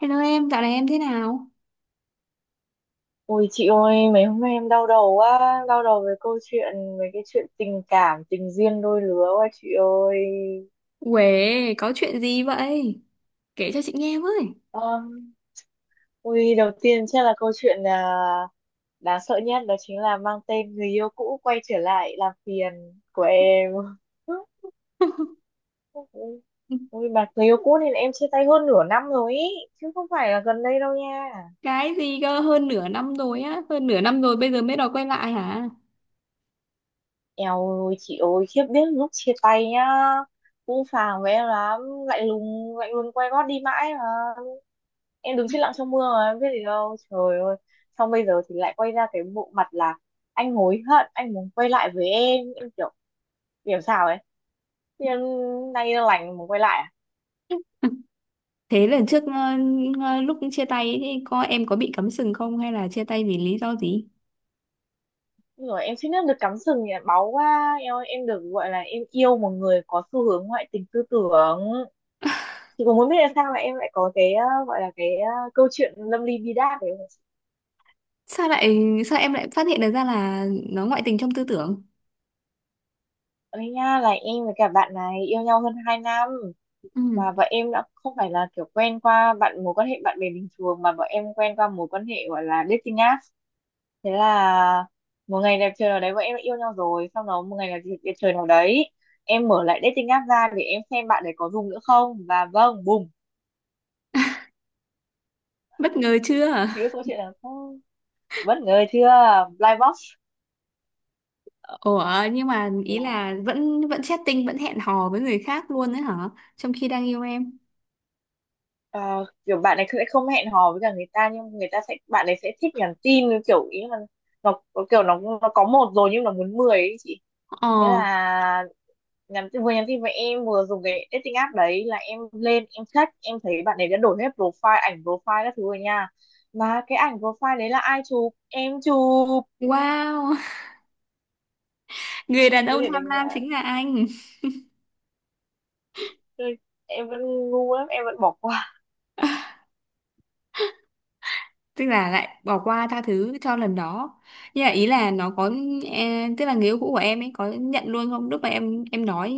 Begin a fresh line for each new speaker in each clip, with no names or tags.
Hello em, dạo này em thế nào?
Ôi chị ơi, mấy hôm nay em đau đầu quá, đau đầu về câu chuyện, về cái chuyện tình cảm, tình duyên đôi lứa quá chị ơi.
Uể, có chuyện gì vậy? Kể cho chị nghe với.
Um, ui, đầu tiên chắc là câu chuyện là đáng sợ nhất đó chính là mang tên người yêu cũ quay trở lại làm phiền của em. Ui, mà người yêu cũ thì em chia tay hơn nửa năm rồi ý, chứ không phải là gần đây đâu nha.
Cái gì cơ, hơn nửa năm rồi á, hơn nửa năm rồi bây giờ mới đòi quay lại hả?
Eo ơi, chị ơi, khiếp biết lúc chia tay nhá, cũng phàng với em lắm, lạnh lùng quay gót đi mãi mà. Em đứng chết lặng trong mưa mà em biết gì đâu trời ơi, xong bây giờ thì lại quay ra cái bộ mặt là anh hối hận, anh muốn quay lại với em. Em kiểu kiểu sao ấy, thì em nay lành muốn quay lại à?
Thế lần trước lúc chia tay ấy, thì em có bị cắm sừng không hay là chia tay vì lý do gì?
Ôi rồi em xin phép được cắm sừng nhỉ, báu quá em ơi, em được gọi là em yêu một người có xu hướng ngoại tình tư tưởng. Chị cũng muốn biết là sao mà em lại có cái gọi là cái câu chuyện lâm ly bi đát đấy.
Sao lại sao em lại phát hiện được ra là nó ngoại tình trong tư tưởng?
Ơi nha, là em với cả bạn này yêu nhau hơn 2 năm,
Ừ.
mà vợ em đã không phải là kiểu quen qua bạn, mối quan hệ bạn bè bình thường, mà vợ em quen qua mối quan hệ gọi là dating app. Thế là một ngày đẹp trời nào đấy vợ em đã yêu nhau rồi, sau đó một ngày đẹp trời nào đấy em mở lại dating app ra để em xem bạn đấy có dùng nữa không, và vâng, bùm.
Bất ngờ chưa?
Chị biết câu chuyện là không, bất ngờ chưa, blind box.
Ủa, nhưng mà ý là vẫn vẫn chatting, vẫn hẹn hò với người khác luôn đấy hả? Trong khi đang yêu em.
Ờ, kiểu bạn ấy sẽ không hẹn hò với cả người ta, nhưng người ta sẽ, bạn ấy sẽ thích nhắn tin kiểu ý là nó kiểu nó có 1 rồi nhưng nó muốn 10 ấy chị. Thế
Ờ,
là vừa nhắn tin với em vừa dùng cái dating app đấy, là em lên em check, em thấy bạn ấy đã đổi hết profile, ảnh profile các thứ rồi nha. Mà cái ảnh profile đấy là ai chụp, em chụp.
wow. Người đàn
Chị có
ông
thể
tham
đánh
lam
giá.
chính là anh.
Ôi, em vẫn ngu lắm, em vẫn bỏ qua.
Tức là lại bỏ qua tha thứ cho lần đó, nhưng mà ý là nó có, tức là người yêu cũ của em ấy có nhận luôn không lúc mà em nói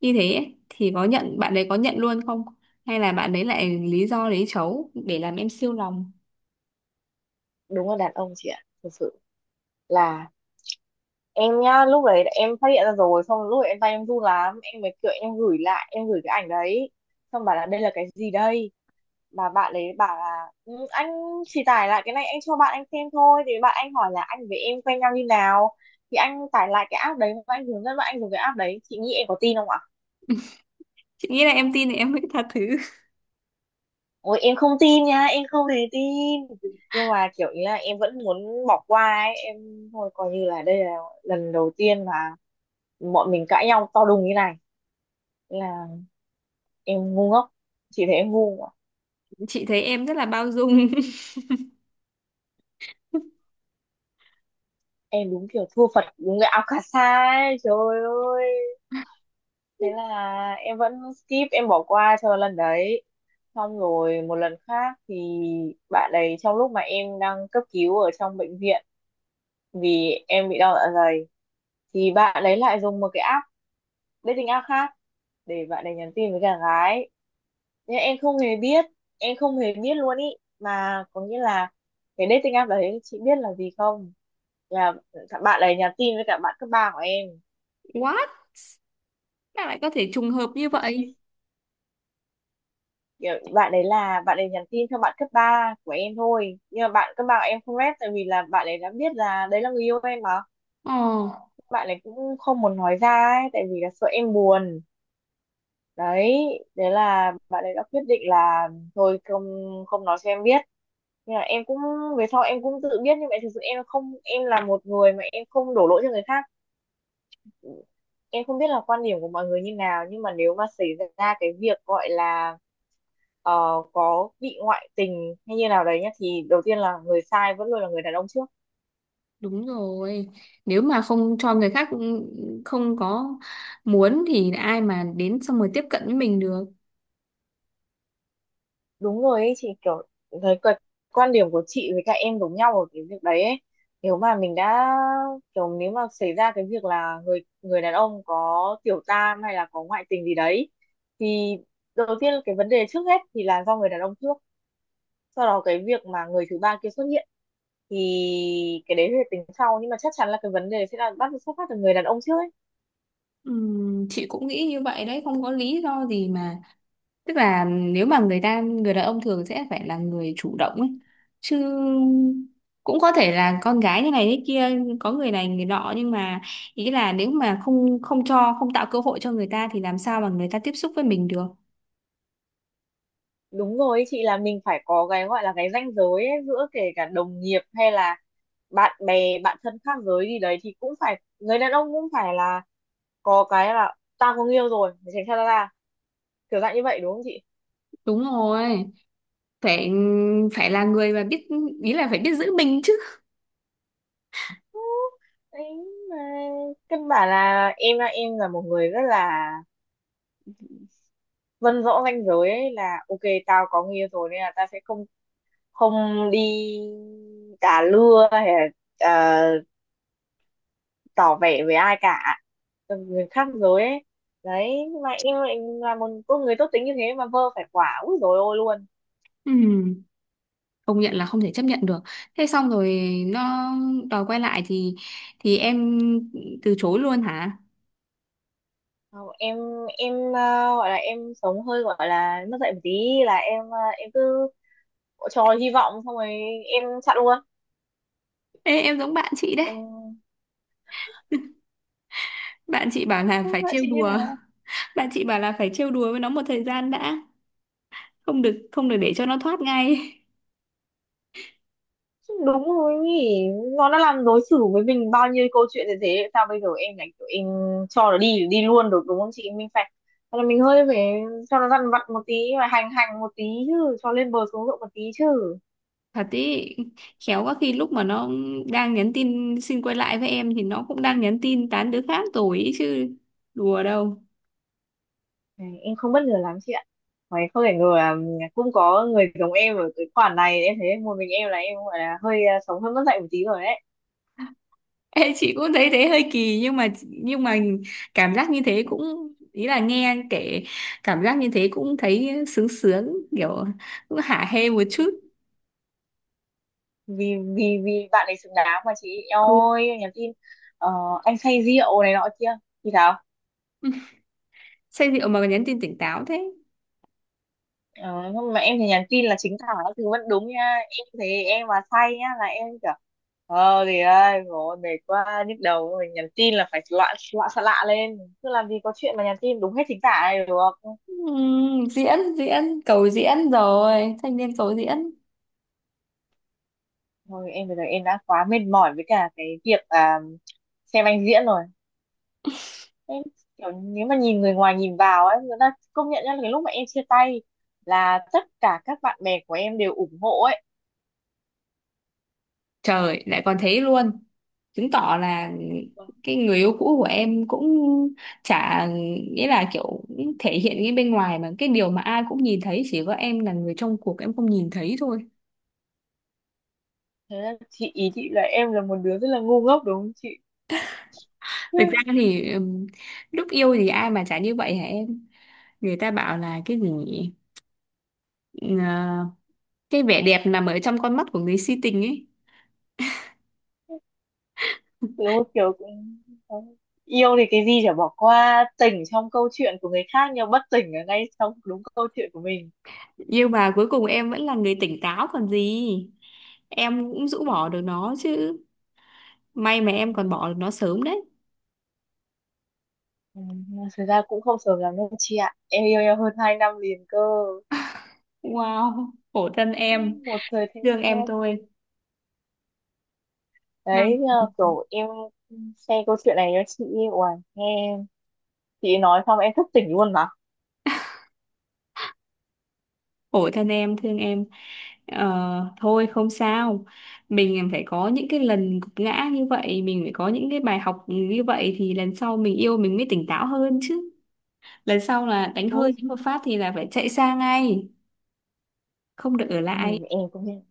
như thế ấy, thì có nhận, bạn đấy có nhận luôn không, hay là bạn đấy lại lý do lấy trấu để làm em siêu lòng?
Đúng là đàn ông chị ạ, thực sự là em nhá, lúc đấy em phát hiện ra rồi, xong lúc đấy em, tay em run lắm, em mới kiểu em gửi lại, em gửi cái ảnh đấy xong bảo là đây là cái gì đây. Mà bạn đấy bảo là "Ừ, anh chỉ tải lại cái này anh cho bạn anh xem thôi, thì bạn anh hỏi là anh với em quen nhau như nào, thì anh tải lại cái app đấy và anh hướng dẫn bạn anh dùng cái app đấy". Chị nghĩ em có tin không ạ.
Chị nghĩ là em tin thì em mới tha thứ.
Ôi em không tin nha, em không hề tin. Nhưng mà kiểu ý là em vẫn muốn bỏ qua ấy, em thôi coi như là đây là lần đầu tiên mà bọn mình cãi nhau to đùng như này. Là em ngu ngốc, chị thấy em ngu mà.
Chị thấy em rất là bao dung.
Em đúng kiểu thua Phật đúng cái Alcasa ấy, trời ơi. Thế là em vẫn skip, em bỏ qua cho lần đấy. Xong rồi một lần khác thì bạn ấy, trong lúc mà em đang cấp cứu ở trong bệnh viện vì em bị đau dạ dày, thì bạn ấy lại dùng một cái app, dating app khác, để bạn ấy nhắn tin với cả gái. Nhưng em không hề biết, em không hề biết luôn ý. Mà có nghĩa là cái dating app đấy, chị biết là gì không, là bạn ấy nhắn tin với cả bạn cấp 3 của em.
What? Sao lại có thể trùng hợp như
Có
vậy?
khi kiểu bạn ấy, là bạn ấy nhắn tin cho bạn cấp 3 của em thôi, nhưng mà bạn cấp 3 của em không rep tại vì là bạn ấy đã biết là đấy là người yêu em mà.
Ồ.
Bạn ấy cũng không muốn nói ra ấy, tại vì là sợ em buồn. Đấy, đấy là bạn ấy đã quyết định là thôi không, không nói cho em biết. Nhưng mà em cũng, về sau em cũng tự biết, nhưng mà thực sự em không, em là một người mà em không đổ lỗi cho người khác. Em không biết là quan điểm của mọi người như nào, nhưng mà nếu mà xảy ra cái việc gọi là ờ, có bị ngoại tình hay như nào đấy nhá, thì đầu tiên là người sai vẫn luôn là người đàn ông trước.
Đúng rồi. Nếu mà không cho người khác không có muốn thì ai mà đến xong rồi tiếp cận với mình được.
Đúng rồi ấy chị, kiểu thấy quan quan điểm của chị với cả em giống nhau ở cái việc đấy ấy. Nếu mà mình đã kiểu, nếu mà xảy ra cái việc là người người đàn ông có tiểu tam hay là có ngoại tình gì đấy, thì đầu tiên cái vấn đề trước hết thì là do người đàn ông trước. Sau đó cái việc mà người thứ ba kia xuất hiện thì cái đấy thì tính sau, nhưng mà chắc chắn là cái vấn đề sẽ là bắt xuất phát từ người đàn ông trước ấy.
Chị cũng nghĩ như vậy đấy, không có lý do gì mà. Tức là nếu mà người đàn ông thường sẽ phải là người chủ động ấy. Chứ cũng có thể là con gái như này thế kia, có người này người nọ, nhưng mà ý là nếu mà không không cho, không tạo cơ hội cho người ta thì làm sao mà người ta tiếp xúc với mình được.
Đúng rồi chị, là mình phải có cái gọi là cái ranh giới ấy, giữa kể cả đồng nghiệp hay là bạn bè, bạn thân khác giới gì đấy, thì cũng phải, người đàn ông cũng phải là có cái là tao có người yêu rồi, mày tránh xa tao ra, kiểu dạng như vậy đúng không chị.
Đúng rồi. Phải phải là người mà biết, ý là phải biết giữ mình chứ.
Đấy, mà căn bản là em là, em là một người rất là vân rõ ranh giới ấy, là ok, tao có người yêu rồi nên là tao sẽ không, không đi đà lưa hay là ờ, tỏ vẻ với ai cả. Ừ, người khác rồi ấy. Đấy, nhưng mà em lại là một cô người tốt tính như thế mà vơ phải quả úi dồi ôi luôn.
Ừ, công nhận là không thể chấp nhận được. Thế xong rồi nó đòi quay lại thì em từ chối luôn hả?
Không, em gọi là em sống hơi gọi là mất dạy một tí, là em, em cứ cho hy vọng xong rồi em chặn luôn.
Ê, em giống bạn chị đấy.
Em
Bạn chị bảo là
không
phải trêu
chịu như
đùa.
nào.
Bạn chị bảo là phải trêu đùa với nó một thời gian đã, không được để cho nó thoát ngay.
Đúng rồi nhỉ, nó đã làm, đối xử với mình bao nhiêu câu chuyện như thế, sao bây giờ em lại kiểu em cho nó đi đi luôn được, đúng không chị. Mình phải, thế là mình hơi phải cho nó dằn vặt một tí, và hành hành một tí chứ, cho lên bờ xuống ruộng một tí chứ.
Thật ý, khéo có khi lúc mà nó đang nhắn tin xin quay lại với em thì nó cũng đang nhắn tin tán đứa khác rồi ý chứ, đùa đâu.
Này, em không bất ngờ lắm chị ạ. Mày không thể ngờ là cũng có người giống em ở cái khoản này, em thấy một mình em là em gọi là hơi sống hơi mất dạy một tí rồi đấy.
Ê, chị cũng thấy thế hơi kỳ, nhưng mà cảm giác như thế cũng, ý là nghe kể, cảm giác như thế cũng thấy sướng sướng, kiểu cũng hả hê một chút.
Vì vì vì bạn ấy xứng đáng mà chị. Eo
Ừ.
ơi, em nhắn tin ờ, anh say rượu này nọ kia thì thảo.
Say rượu mà còn nhắn tin tỉnh táo thế?
Ờ, không, mà em thì nhắn tin là chính tả thì vẫn đúng nha. Em thấy em mà say nhá là em kiểu, ờ thì ơi rồi mệt quá nhức đầu rồi, nhắn tin là phải loạn loạn xạ lạ lên, chứ làm gì có chuyện mà nhắn tin đúng hết chính tả này được.
Diễn, diễn cầu diễn rồi, thanh niên cầu diễn.
Thôi em bây giờ em đã quá mệt mỏi với cả cái việc xem anh diễn rồi. Em kiểu nếu mà nhìn, người ngoài nhìn vào ấy, người ta công nhận nhá, là cái lúc mà em chia tay là tất cả các bạn bè của em đều ủng hộ ấy.
Trời lại còn thế luôn, chứng tỏ là
Vâng.
cái người yêu cũ của em cũng chả, nghĩa là kiểu cũng thể hiện cái bên ngoài, mà cái điều mà ai cũng nhìn thấy chỉ có em là người trong cuộc em không nhìn thấy thôi.
Thế là chị ý, chị là em là một đứa rất là ngu ngốc đúng không chị.
Thực ra thì lúc yêu thì ai mà chả như vậy hả em? Người ta bảo là cái gì nhỉ? Ờ, cái vẻ đẹp nằm ở trong con mắt của người si tình ấy.
Đúng kiểu cũng yêu thì cái gì chả bỏ qua, tỉnh trong câu chuyện của người khác nhưng bất tỉnh ở ngay trong đúng câu chuyện của mình.
Nhưng mà cuối cùng em vẫn là người tỉnh táo còn gì. Em cũng rũ bỏ được nó chứ. May mà em
Ừ,
còn bỏ được nó sớm đấy.
ừ, thực ra cũng không sớm lắm đâu chị ạ, em yêu nhau hơn 2 năm liền cơ.
Wow, khổ thân em,
Một thời thanh
thương em
xuân.
thôi. Ha.
Đấy, nhờ kiểu em share câu chuyện này cho chị. Uầy, nghe chị nói xong em thức tỉnh luôn mà.
Khổ thân em, thương em. Ờ, thôi không sao, mình phải có những cái lần gục ngã như vậy, mình phải có những cái bài học như vậy thì lần sau mình yêu mình mới tỉnh táo hơn chứ. Lần sau là đánh hơi
Đúng,
đánh một phát thì là phải chạy xa ngay, không được ở
ừ,
lại.
em cũng thế.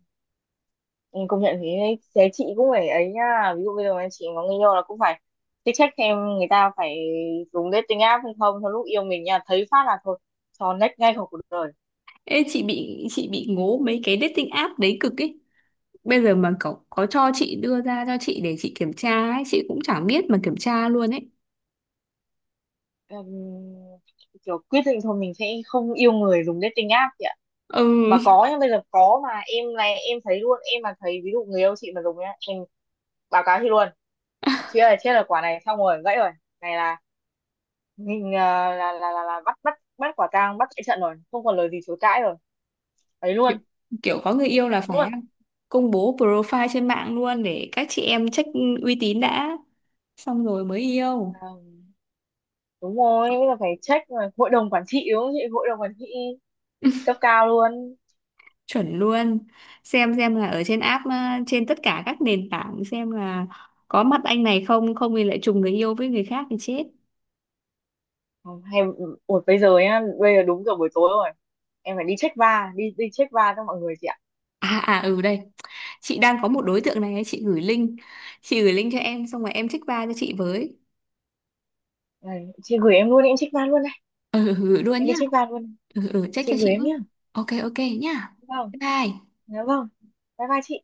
Ừ, công nhận thế đấy. Thế chị cũng phải ấy nhá, ví dụ bây giờ mà chị có người yêu là cũng phải check check xem người ta, phải dùng dating app hay không, thôi lúc yêu mình nha, thấy phát là thôi cho next ngay khỏi cuộc đời.
Ê, chị bị ngố mấy cái dating app đấy cực ấy, bây giờ mà cậu có cho chị đưa ra cho chị để chị kiểm tra ấy chị cũng chẳng biết mà kiểm tra luôn ấy.
Ừm, kiểu quyết định thôi mình sẽ không yêu người dùng dating app chị ạ. Mà
Ừ.
có nhá, bây giờ có mà em này, em thấy luôn, em mà thấy ví dụ người yêu chị mà dùng nhá em báo cáo chị luôn. Chị ơi chết là quả này, xong rồi gãy rồi, này là mình là bắt bắt bắt quả tang, bắt chạy trận rồi, không còn lời gì chối cãi rồi, ấy
kiểu
luôn.
kiểu có người yêu
Đấy
là phải
luôn,
công bố profile trên mạng luôn để các chị em check uy tín đã, xong rồi mới yêu.
đúng rồi, bây giờ phải check rồi, hội đồng quản trị đúng không chị, hội đồng quản trị cấp cao luôn.
Chuẩn luôn. Xem là ở trên app ờ, trên tất cả các nền tảng xem là có mặt anh này không, không thì lại trùng người yêu với người khác thì chết.
Ừ, hay, ừ, ủa bây giờ nhá, bây giờ đúng giờ buổi tối rồi, em phải đi check va, đi đi check va cho mọi người chị ạ.
À à, ừ đây, chị đang có một
Ừ.
đối tượng này ấy, chị gửi link, chị gửi link cho em xong rồi em check ba cho chị với.
Này, chị gửi em luôn đi, em check va luôn này.
Ừ ừ, gửi luôn
Em
nhá.
đi check va luôn.
Ừ ừ ừ, check
Chị
cho
gửi
chị
em
với.
nhá.
Ok ok nhá.
Vâng.
Bye bye.
Dạ vâng, bye bye chị.